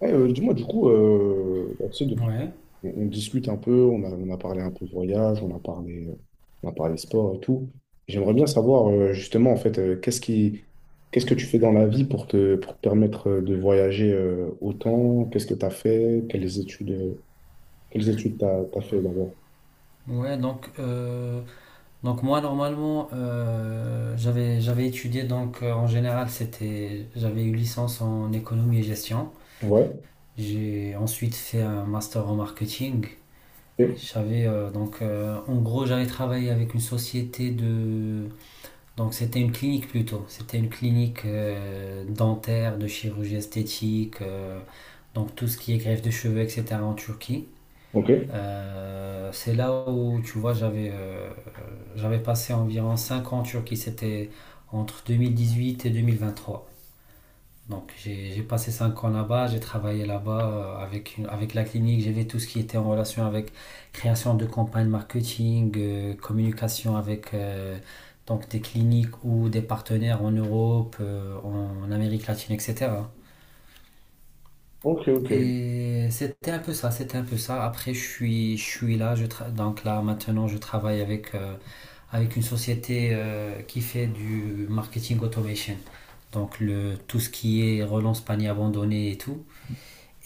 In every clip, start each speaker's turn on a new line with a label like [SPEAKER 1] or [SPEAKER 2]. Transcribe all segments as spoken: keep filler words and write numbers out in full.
[SPEAKER 1] Ouais, euh, dis-moi, du coup, euh, bah, tu sais, depuis-
[SPEAKER 2] Ouais,
[SPEAKER 1] on, on discute un peu, on a, on a parlé un peu de voyage, on a parlé, euh, on a parlé sport et tout. J'aimerais bien savoir, euh, justement, en fait, euh, qu'est-ce qui, qu'est-ce que tu fais dans la vie pour te, pour te permettre euh, de voyager euh, autant? Qu'est-ce que tu as fait? Quelles études, euh, quelles études tu as fait d'abord?
[SPEAKER 2] ouais, donc, euh, donc moi normalement euh, j'avais j'avais étudié donc euh, en général c'était j'avais eu licence en économie et gestion.
[SPEAKER 1] Ouais,
[SPEAKER 2] J'ai ensuite fait un master en marketing.
[SPEAKER 1] ok,
[SPEAKER 2] J'avais euh, donc euh, en gros j'avais travaillé avec une société de donc c'était une clinique plutôt. C'était une clinique euh, dentaire, de chirurgie esthétique, euh, donc tout ce qui est greffe de cheveux, et cetera en Turquie.
[SPEAKER 1] ok,
[SPEAKER 2] Euh, c'est là où, tu vois, j'avais euh, j'avais passé environ cinq ans en Turquie. C'était entre deux mille dix huit et deux mille vingt trois. Donc j'ai j'ai passé cinq ans là-bas, j'ai travaillé là-bas euh, avec, une- avec la clinique. J'ai vu tout ce qui était en relation avec création de campagnes marketing, euh, communication avec euh, donc des cliniques ou des partenaires en Europe, euh, en Amérique latine, et cetera.
[SPEAKER 1] ok,
[SPEAKER 2] Et c'était un peu ça, c'était un peu ça. Après, je suis, je suis là, je tra- donc là maintenant, je travaille avec, euh, avec une société euh, qui fait du marketing automation. Donc le, tout ce qui est relance panier abandonné et tout.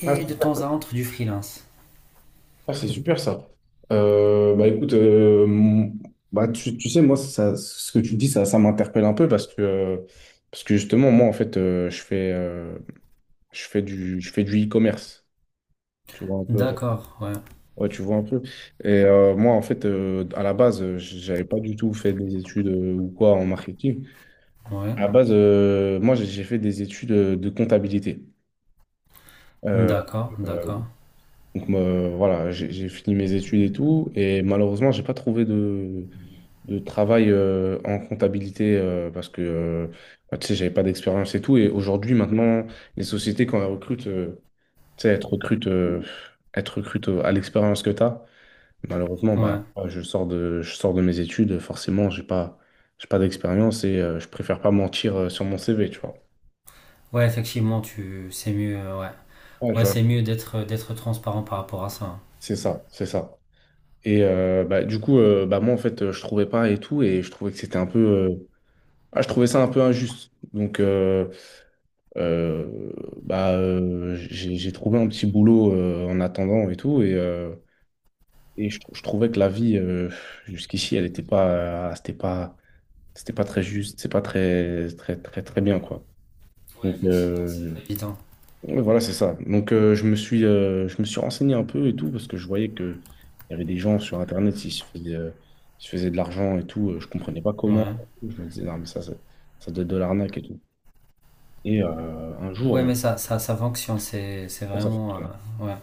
[SPEAKER 2] Et de
[SPEAKER 1] ok.
[SPEAKER 2] temps à autre, du freelance.
[SPEAKER 1] Ah, c'est super ça. Euh, bah écoute, euh, mon- bah, tu, tu sais, moi, ça, ce que tu dis, ça, ça m'interpelle un peu parce que, euh, parce que justement, moi, en fait, euh, je fais, euh, je fais du, je fais du e-commerce. Tu vois un peu.
[SPEAKER 2] D'accord, ouais,
[SPEAKER 1] Ouais, tu vois un peu. Et euh, moi, en fait, euh, à la base, euh, j'avais pas du tout fait des études euh, ou quoi en marketing.
[SPEAKER 2] ouais.
[SPEAKER 1] À la base, euh, moi, j'ai j'ai fait des études euh, de comptabilité. Euh,
[SPEAKER 2] D'accord,
[SPEAKER 1] euh,
[SPEAKER 2] d'accord.
[SPEAKER 1] donc, moi, voilà, j'ai j'ai fini mes études et tout. Et malheureusement, j'ai pas trouvé de de travail euh, en comptabilité euh, parce que euh, bah, tu sais, j'avais pas d'expérience et tout. Et aujourd'hui, maintenant, les sociétés, quand elles recrutent, euh, tu sais, elles te recrutent, euh, elles te recrutent à l'expérience que tu as. Malheureusement, bah,
[SPEAKER 2] Ouais,
[SPEAKER 1] moi, je sors de, je sors de mes études, forcément, j'ai pas, j'ai pas d'expérience et euh, je préfère pas mentir euh, sur mon C V, tu vois.
[SPEAKER 2] ouais, effectivement, tu, c'est mieux, euh, ouais.
[SPEAKER 1] Ouais, je
[SPEAKER 2] Ouais,
[SPEAKER 1] vois.
[SPEAKER 2] c'est mieux d'être, d'être transparent par rapport à ça.
[SPEAKER 1] C'est ça, c'est ça. Et euh, bah, du coup, euh, bah, moi, en fait, euh, je trouvais pas et tout, et je trouvais que c'était un peu, euh, ah, je trouvais ça un peu injuste. Donc, euh, Euh, bah, euh, j'ai j'ai trouvé un petit boulot euh, en attendant et tout. Et, euh, et je, trou- je trouvais que la vie, euh, jusqu'ici, elle n'était pas, euh, c'était pas, c'était pas très juste, c'est pas très, très, très, très bien, quoi.
[SPEAKER 2] Ouais,
[SPEAKER 1] Donc,
[SPEAKER 2] effectivement, c'est pas
[SPEAKER 1] euh,
[SPEAKER 2] évident.
[SPEAKER 1] ouais, voilà, c'est ça. Donc, euh, je me suis, euh, je me suis renseigné un peu et tout, parce que je voyais que il y avait des gens sur Internet qui se faisaient, euh, qui se faisaient de l'argent et tout. Euh, Je comprenais pas comment.
[SPEAKER 2] Ouais.
[SPEAKER 1] Je me disais, non, mais ça, ça, ça doit être de l'arnaque et tout. Et euh, un
[SPEAKER 2] Ouais,
[SPEAKER 1] jour, euh,
[SPEAKER 2] mais ça, ça, ça fonctionne, c'est, c'est
[SPEAKER 1] ça
[SPEAKER 2] vraiment. euh,
[SPEAKER 1] fonctionne.
[SPEAKER 2] Ouais,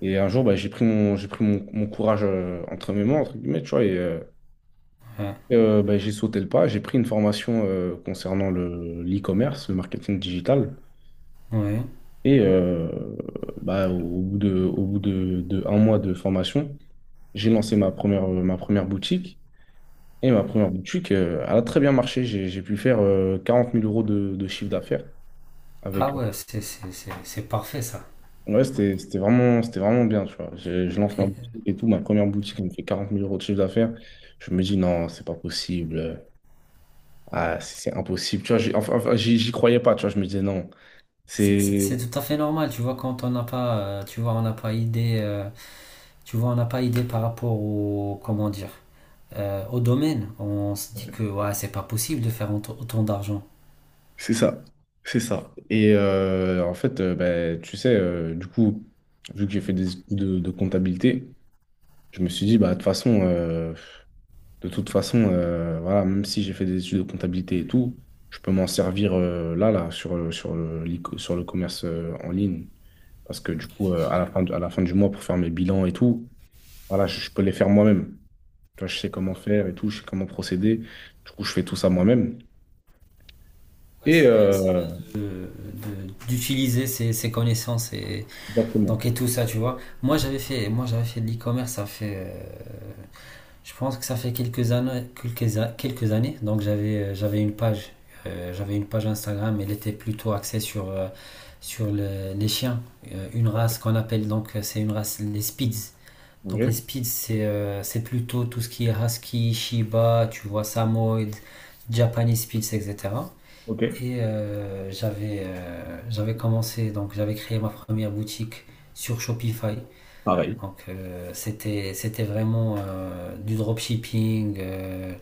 [SPEAKER 1] Et un jour, bah, j'ai pris mon, j'ai pris mon, mon courage euh, entre mes mains, entre guillemets, tu vois, et euh,
[SPEAKER 2] ouais,
[SPEAKER 1] euh, bah, j'ai sauté le pas. J'ai pris une formation euh, concernant le, l'e-commerce, le marketing digital.
[SPEAKER 2] ouais.
[SPEAKER 1] Et euh, bah, au au bout de, au bout de, de un mois de formation, j'ai lancé ma première, euh, ma première boutique. Et ma première boutique, euh, elle a très bien marché. J'ai, j'ai pu faire euh, quarante mille euros de, de chiffre d'affaires
[SPEAKER 2] Ah
[SPEAKER 1] avec.
[SPEAKER 2] ouais, c'est, c'est, c'est, c'est parfait ça.
[SPEAKER 1] Ouais, c'était c'était vraiment, c'était vraiment bien, tu vois. Je, je lance
[SPEAKER 2] Et, euh,
[SPEAKER 1] ma boutique et tout. Ma première boutique, elle me fait quarante mille euros de chiffre d'affaires. Je me dis, non, c'est pas possible. Ah, c'est c'est impossible. Tu vois, j'ai- enfin, enfin, j'y j'y croyais pas, tu vois. Je me disais, non,
[SPEAKER 2] c'est, c'est-
[SPEAKER 1] c'est
[SPEAKER 2] c'est tout à fait normal, tu vois, quand on n'a pas, euh, tu vois, on n'a pas idée, euh, tu vois, on n'a pas idée par rapport au, comment dire, euh, au domaine. On se dit que ouais, c'est pas possible de faire autant autant d'argent.
[SPEAKER 1] c'est ça. C'est ça. Et euh, en fait, euh, ben, tu sais, euh, du coup, vu que j'ai fait des études de, de comptabilité, je me suis dit, bah, de toute façon, euh, De toute façon, euh, voilà, même si j'ai fait des études de comptabilité et tout, je peux m'en servir euh, là, là, sur, le- sur le, l'e- sur le commerce euh, en ligne. Parce que du coup, euh, à la fin, du- à la fin du mois, pour faire mes bilans et tout, voilà, je, je peux les faire moi-même. Tu vois, je sais comment faire et tout, je sais comment procéder. Du coup, je fais tout ça moi-même. Et euh,
[SPEAKER 2] De- de- d'utiliser ses, ses connaissances et donc
[SPEAKER 1] exactement.
[SPEAKER 2] et tout ça, tu vois, moi j'avais fait moi j'avais fait de l'e-commerce, ça fait euh, je pense que ça fait quelques années, quelques, quelques années. Donc j'avais euh, j'avais une page, euh, j'avais une page Instagram. Elle était plutôt axée sur euh, sur le- les chiens. Euh, une
[SPEAKER 1] Ok.
[SPEAKER 2] race qu'on appelle, donc euh, c'est une race, les Spitz. Donc les
[SPEAKER 1] Ok.
[SPEAKER 2] Spitz, c'est euh, c'est plutôt tout ce qui est Husky, Shiba, tu vois, Samoyed, Japanese Spitz, et cetera.
[SPEAKER 1] Ok.
[SPEAKER 2] Et euh, j'avais euh, j'avais commencé, donc j'avais créé ma première boutique sur Shopify.
[SPEAKER 1] Pareil.
[SPEAKER 2] Donc euh, c'était c'était vraiment euh, du dropshipping. euh,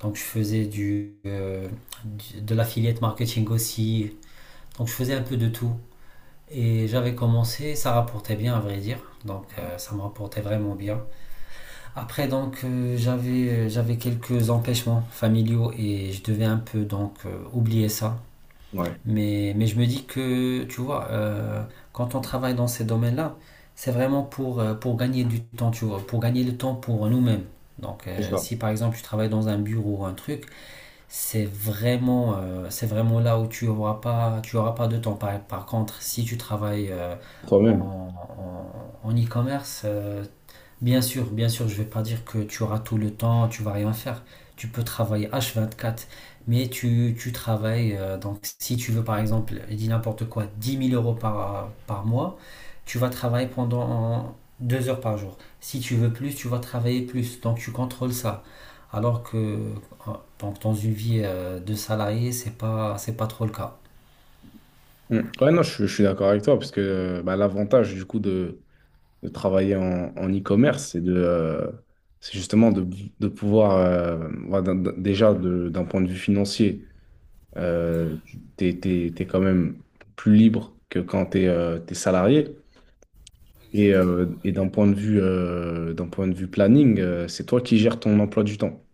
[SPEAKER 2] Donc je faisais du, euh, du- de l'affiliate marketing aussi. Donc je faisais un peu de tout. Et j'avais commencé, ça rapportait bien, à vrai dire. Donc euh, ça me rapportait vraiment bien. Après, donc euh, j'avais j'avais quelques empêchements familiaux et je devais un peu, donc euh, oublier ça.
[SPEAKER 1] Ouais,
[SPEAKER 2] Mais, mais je me dis que, tu vois, euh, quand on travaille dans ces domaines-là, c'est vraiment pour, euh, pour gagner du temps, tu vois, pour gagner le temps pour nous-mêmes. Donc,
[SPEAKER 1] c'est
[SPEAKER 2] euh,
[SPEAKER 1] ça.
[SPEAKER 2] si par exemple tu travailles dans un bureau ou un truc, c'est vraiment, euh, c'est vraiment là où tu auras pas, tu auras pas de temps. Par, par contre, si tu travailles euh,
[SPEAKER 1] Toi-même.
[SPEAKER 2] en, en, en e-commerce, euh, bien sûr, bien sûr, je ne vais pas dire que tu auras tout le temps, tu vas rien faire. Tu peux travailler H vingt-quatre, mais tu, tu travailles. euh, Donc, si tu veux, par exemple, je dis n'importe quoi, dix mille euros par, par mois, tu vas travailler pendant deux heures par jour. Si tu veux plus, tu vas travailler plus. Donc, tu contrôles ça. Alors que euh, donc, dans une vie euh, de salarié, c'est pas, c'est pas trop le cas.
[SPEAKER 1] Mm. Ouais, non, je, je suis d'accord avec toi, parce que euh, bah, l'avantage du coup de de travailler en, en e-commerce, c'est de, euh, c'est justement de, de pouvoir, euh, voilà, d'un- d'un- déjà de- d'un point de vue financier, euh, t'es, t'es- t'es quand même plus libre que quand t'es, euh, t'es salarié. Et, euh, et d'un point de vue, euh, d'un point de vue planning, euh, c'est toi qui gères ton emploi du temps.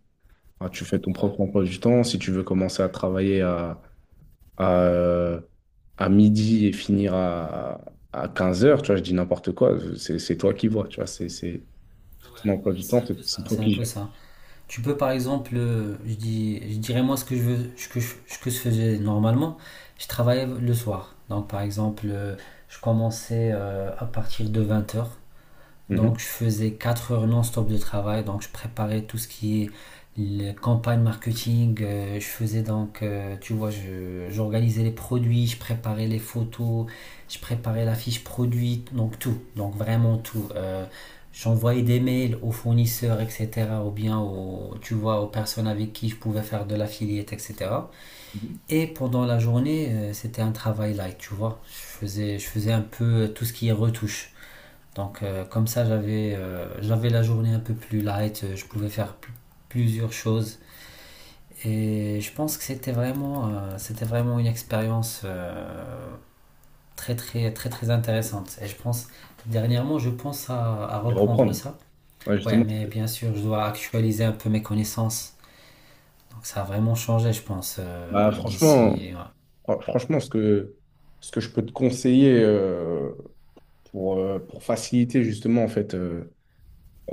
[SPEAKER 1] Ah, tu fais ton propre emploi du temps. Si tu veux commencer à travailler à, à, euh, à midi et finir à, à quinze heures, tu vois, je dis n'importe quoi, c'est c'est toi qui vois, tu vois, c'est, c'est- c'est ton emploi du
[SPEAKER 2] C'est
[SPEAKER 1] temps, c'est c'est toi
[SPEAKER 2] un
[SPEAKER 1] qui
[SPEAKER 2] peu
[SPEAKER 1] gères.
[SPEAKER 2] ça. Tu peux par exemple, euh, je, dis, je dirais moi ce que je veux, ce que je, ce que je faisais normalement, je travaillais le soir. Donc par exemple, euh, je commençais euh, à partir de vingt heures.
[SPEAKER 1] Mhm.
[SPEAKER 2] Donc je faisais quatre heures non-stop de travail, donc je préparais tout ce qui est les campagnes marketing. Euh, je faisais donc, euh, tu vois, je- j'organisais les produits, je préparais les photos, je préparais la fiche produit, donc tout, donc vraiment tout. Euh, j'envoyais des mails aux fournisseurs, et cetera, ou bien aux, tu vois, aux personnes avec qui je pouvais faire de l'affiliate, et cetera.
[SPEAKER 1] Mhm.
[SPEAKER 2] Et pendant la journée, euh, c'était un travail light, tu vois. Je faisais, je faisais un peu euh, tout ce qui est retouche. Donc euh, comme ça, j'avais euh, j'avais la journée un peu plus light, euh, je pouvais faire plusieurs choses. Et je pense que c'était vraiment, euh, c'était vraiment une expérience euh, très très très très intéressante. Et je pense, dernièrement, je pense à, à
[SPEAKER 1] Et
[SPEAKER 2] reprendre
[SPEAKER 1] reprendre.
[SPEAKER 2] ça.
[SPEAKER 1] Ouais,
[SPEAKER 2] Ouais,
[SPEAKER 1] justement.
[SPEAKER 2] mais bien sûr, je dois actualiser un peu mes connaissances. Donc ça a vraiment changé, je pense,
[SPEAKER 1] Bah,
[SPEAKER 2] euh,
[SPEAKER 1] franchement,
[SPEAKER 2] d'ici.
[SPEAKER 1] fr- franchement, ce que, ce que je peux te conseiller, euh, pour, euh, pour faciliter justement en fait, euh,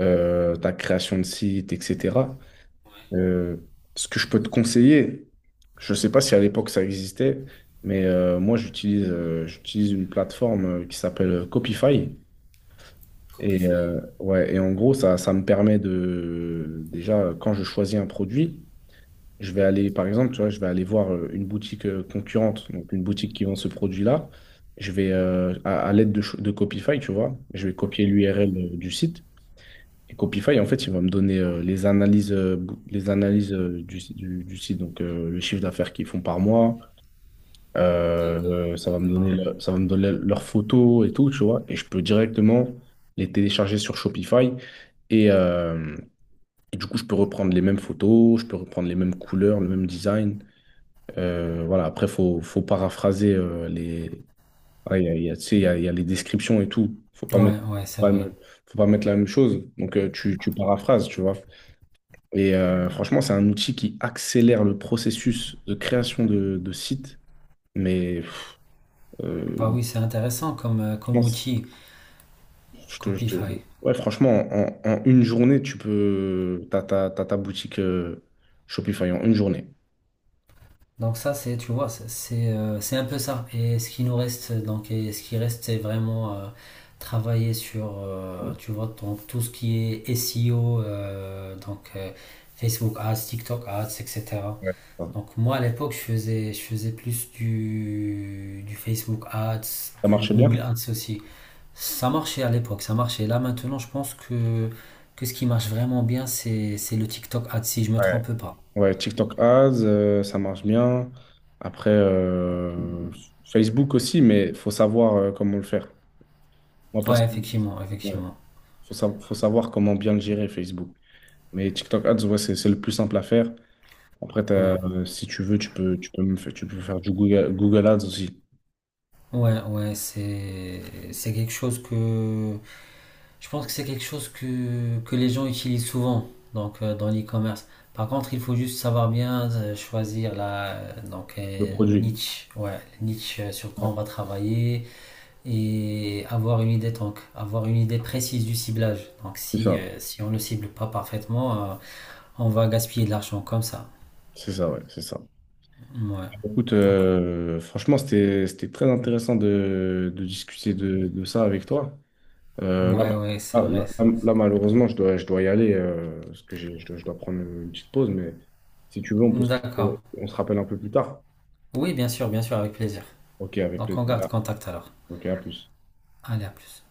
[SPEAKER 1] euh, ta création de site, et cetera euh, Ce que je peux te conseiller, je ne sais pas si à l'époque ça existait, mais euh, moi j'utilise euh, j'utilise une plateforme euh, qui s'appelle Copify. Et, euh, ouais, et en gros, ça, ça me permet de déjà quand je choisis un produit. Je vais aller, par exemple, tu vois, je vais aller voir euh, une boutique euh, concurrente, donc une boutique qui vend ce produit-là. Je vais, euh, à, à l'aide de, cho- de Copify, tu vois, je vais copier l'U R L euh, du site. Et Copify, en fait, il va me donner euh, les analyses, euh, bou- les analyses euh, du, si- du- du site, donc euh, le chiffre d'affaires qu'ils font par mois. Euh, euh, ça va me donner, le- ça va me donner leurs photos et tout, tu vois. Et je peux directement les télécharger sur Shopify. Et, euh, et du coup, je peux reprendre les mêmes photos, je peux reprendre les mêmes couleurs, le même design. Euh, voilà, après, faut, faut paraphraser euh, les. Voilà, il y a, il y a, tu sais, il y a, il y a les descriptions et tout. Faut pas
[SPEAKER 2] Ouais.
[SPEAKER 1] mettre,
[SPEAKER 2] Ouais,
[SPEAKER 1] faut
[SPEAKER 2] ouais, c'est
[SPEAKER 1] pas,
[SPEAKER 2] vrai.
[SPEAKER 1] me- faut pas mettre la même chose. Donc, euh, tu, tu paraphrases, tu vois. Et euh, franchement, c'est un outil qui accélère le processus de création de, de sites. Mais
[SPEAKER 2] Bah
[SPEAKER 1] euh,
[SPEAKER 2] oui, c'est intéressant comme, euh,
[SPEAKER 1] je
[SPEAKER 2] comme
[SPEAKER 1] pense-
[SPEAKER 2] outil,
[SPEAKER 1] je te, je te-
[SPEAKER 2] Copify.
[SPEAKER 1] Ouais, franchement, en, en une journée, tu peux. T'as, ta t'as ta boutique euh, Shopify en une journée.
[SPEAKER 2] Donc ça, c'est, tu vois, c'est c'est, euh, c'est un peu ça. Et ce qui nous reste, donc, et ce qui reste, c'est vraiment euh, travailler sur, euh, tu vois, donc, tout ce qui est S E O, euh, donc euh, Facebook Ads, TikTok Ads, et cetera.
[SPEAKER 1] Ouais.
[SPEAKER 2] Donc moi, à l'époque, je faisais, je faisais plus du, du Facebook Ads,
[SPEAKER 1] Ça
[SPEAKER 2] du
[SPEAKER 1] marche bien?
[SPEAKER 2] Google Ads aussi. Ça marchait à l'époque, ça marchait. Là, maintenant, je pense que, que ce qui marche vraiment bien, c'est, c'est le TikTok Ads, si je me
[SPEAKER 1] Ouais.
[SPEAKER 2] trompe pas.
[SPEAKER 1] Ouais, TikTok Ads, euh, ça marche bien. Après, euh, Facebook aussi, mais il faut savoir euh, comment le faire. Moi,
[SPEAKER 2] Ouais,
[SPEAKER 1] personnellement,
[SPEAKER 2] effectivement,
[SPEAKER 1] ouais,
[SPEAKER 2] effectivement.
[SPEAKER 1] faut sa- faut savoir comment bien le gérer, Facebook. Mais TikTok Ads, ouais, c'est c'est le plus simple à faire. Après, t'as,
[SPEAKER 2] Ouais.
[SPEAKER 1] euh, si tu veux, tu peux, tu peux, me faire, tu peux faire du Google, Google Ads aussi,
[SPEAKER 2] Ouais, ouais, c'est c'est quelque chose que je pense que c'est quelque chose que que les gens utilisent souvent, donc euh, dans l'e-commerce. Par contre, il faut juste savoir bien euh, choisir la donc
[SPEAKER 1] le
[SPEAKER 2] euh,
[SPEAKER 1] produit.
[SPEAKER 2] niche, ouais, niche euh, sur quoi
[SPEAKER 1] Ouais,
[SPEAKER 2] on va travailler, et avoir une idée donc avoir une idée précise du ciblage. Donc
[SPEAKER 1] c'est
[SPEAKER 2] si
[SPEAKER 1] ça,
[SPEAKER 2] euh, si on ne cible pas parfaitement, euh, on va gaspiller de l'argent comme ça.
[SPEAKER 1] c'est ça, ouais, c'est ça.
[SPEAKER 2] Ouais.
[SPEAKER 1] Écoute,
[SPEAKER 2] Donc
[SPEAKER 1] euh, franchement, c'était, c'était très intéressant de, de discuter de, de ça avec toi.
[SPEAKER 2] euh,
[SPEAKER 1] Euh, là, ma-
[SPEAKER 2] ouais, ouais, c'est
[SPEAKER 1] ah,
[SPEAKER 2] vrai.
[SPEAKER 1] là, là- là, malheureusement, je dois, je dois y aller euh, parce que j'ai- je dois, je dois prendre une petite pause. Mais si tu veux, on peut se,
[SPEAKER 2] D'accord.
[SPEAKER 1] on se rappelle un peu plus tard.
[SPEAKER 2] Oui, bien sûr, bien sûr, avec plaisir.
[SPEAKER 1] Ok, avec
[SPEAKER 2] Donc
[SPEAKER 1] plaisir.
[SPEAKER 2] on garde
[SPEAKER 1] Voilà.
[SPEAKER 2] contact alors.
[SPEAKER 1] Ok, à plus.
[SPEAKER 2] Allez, à plus.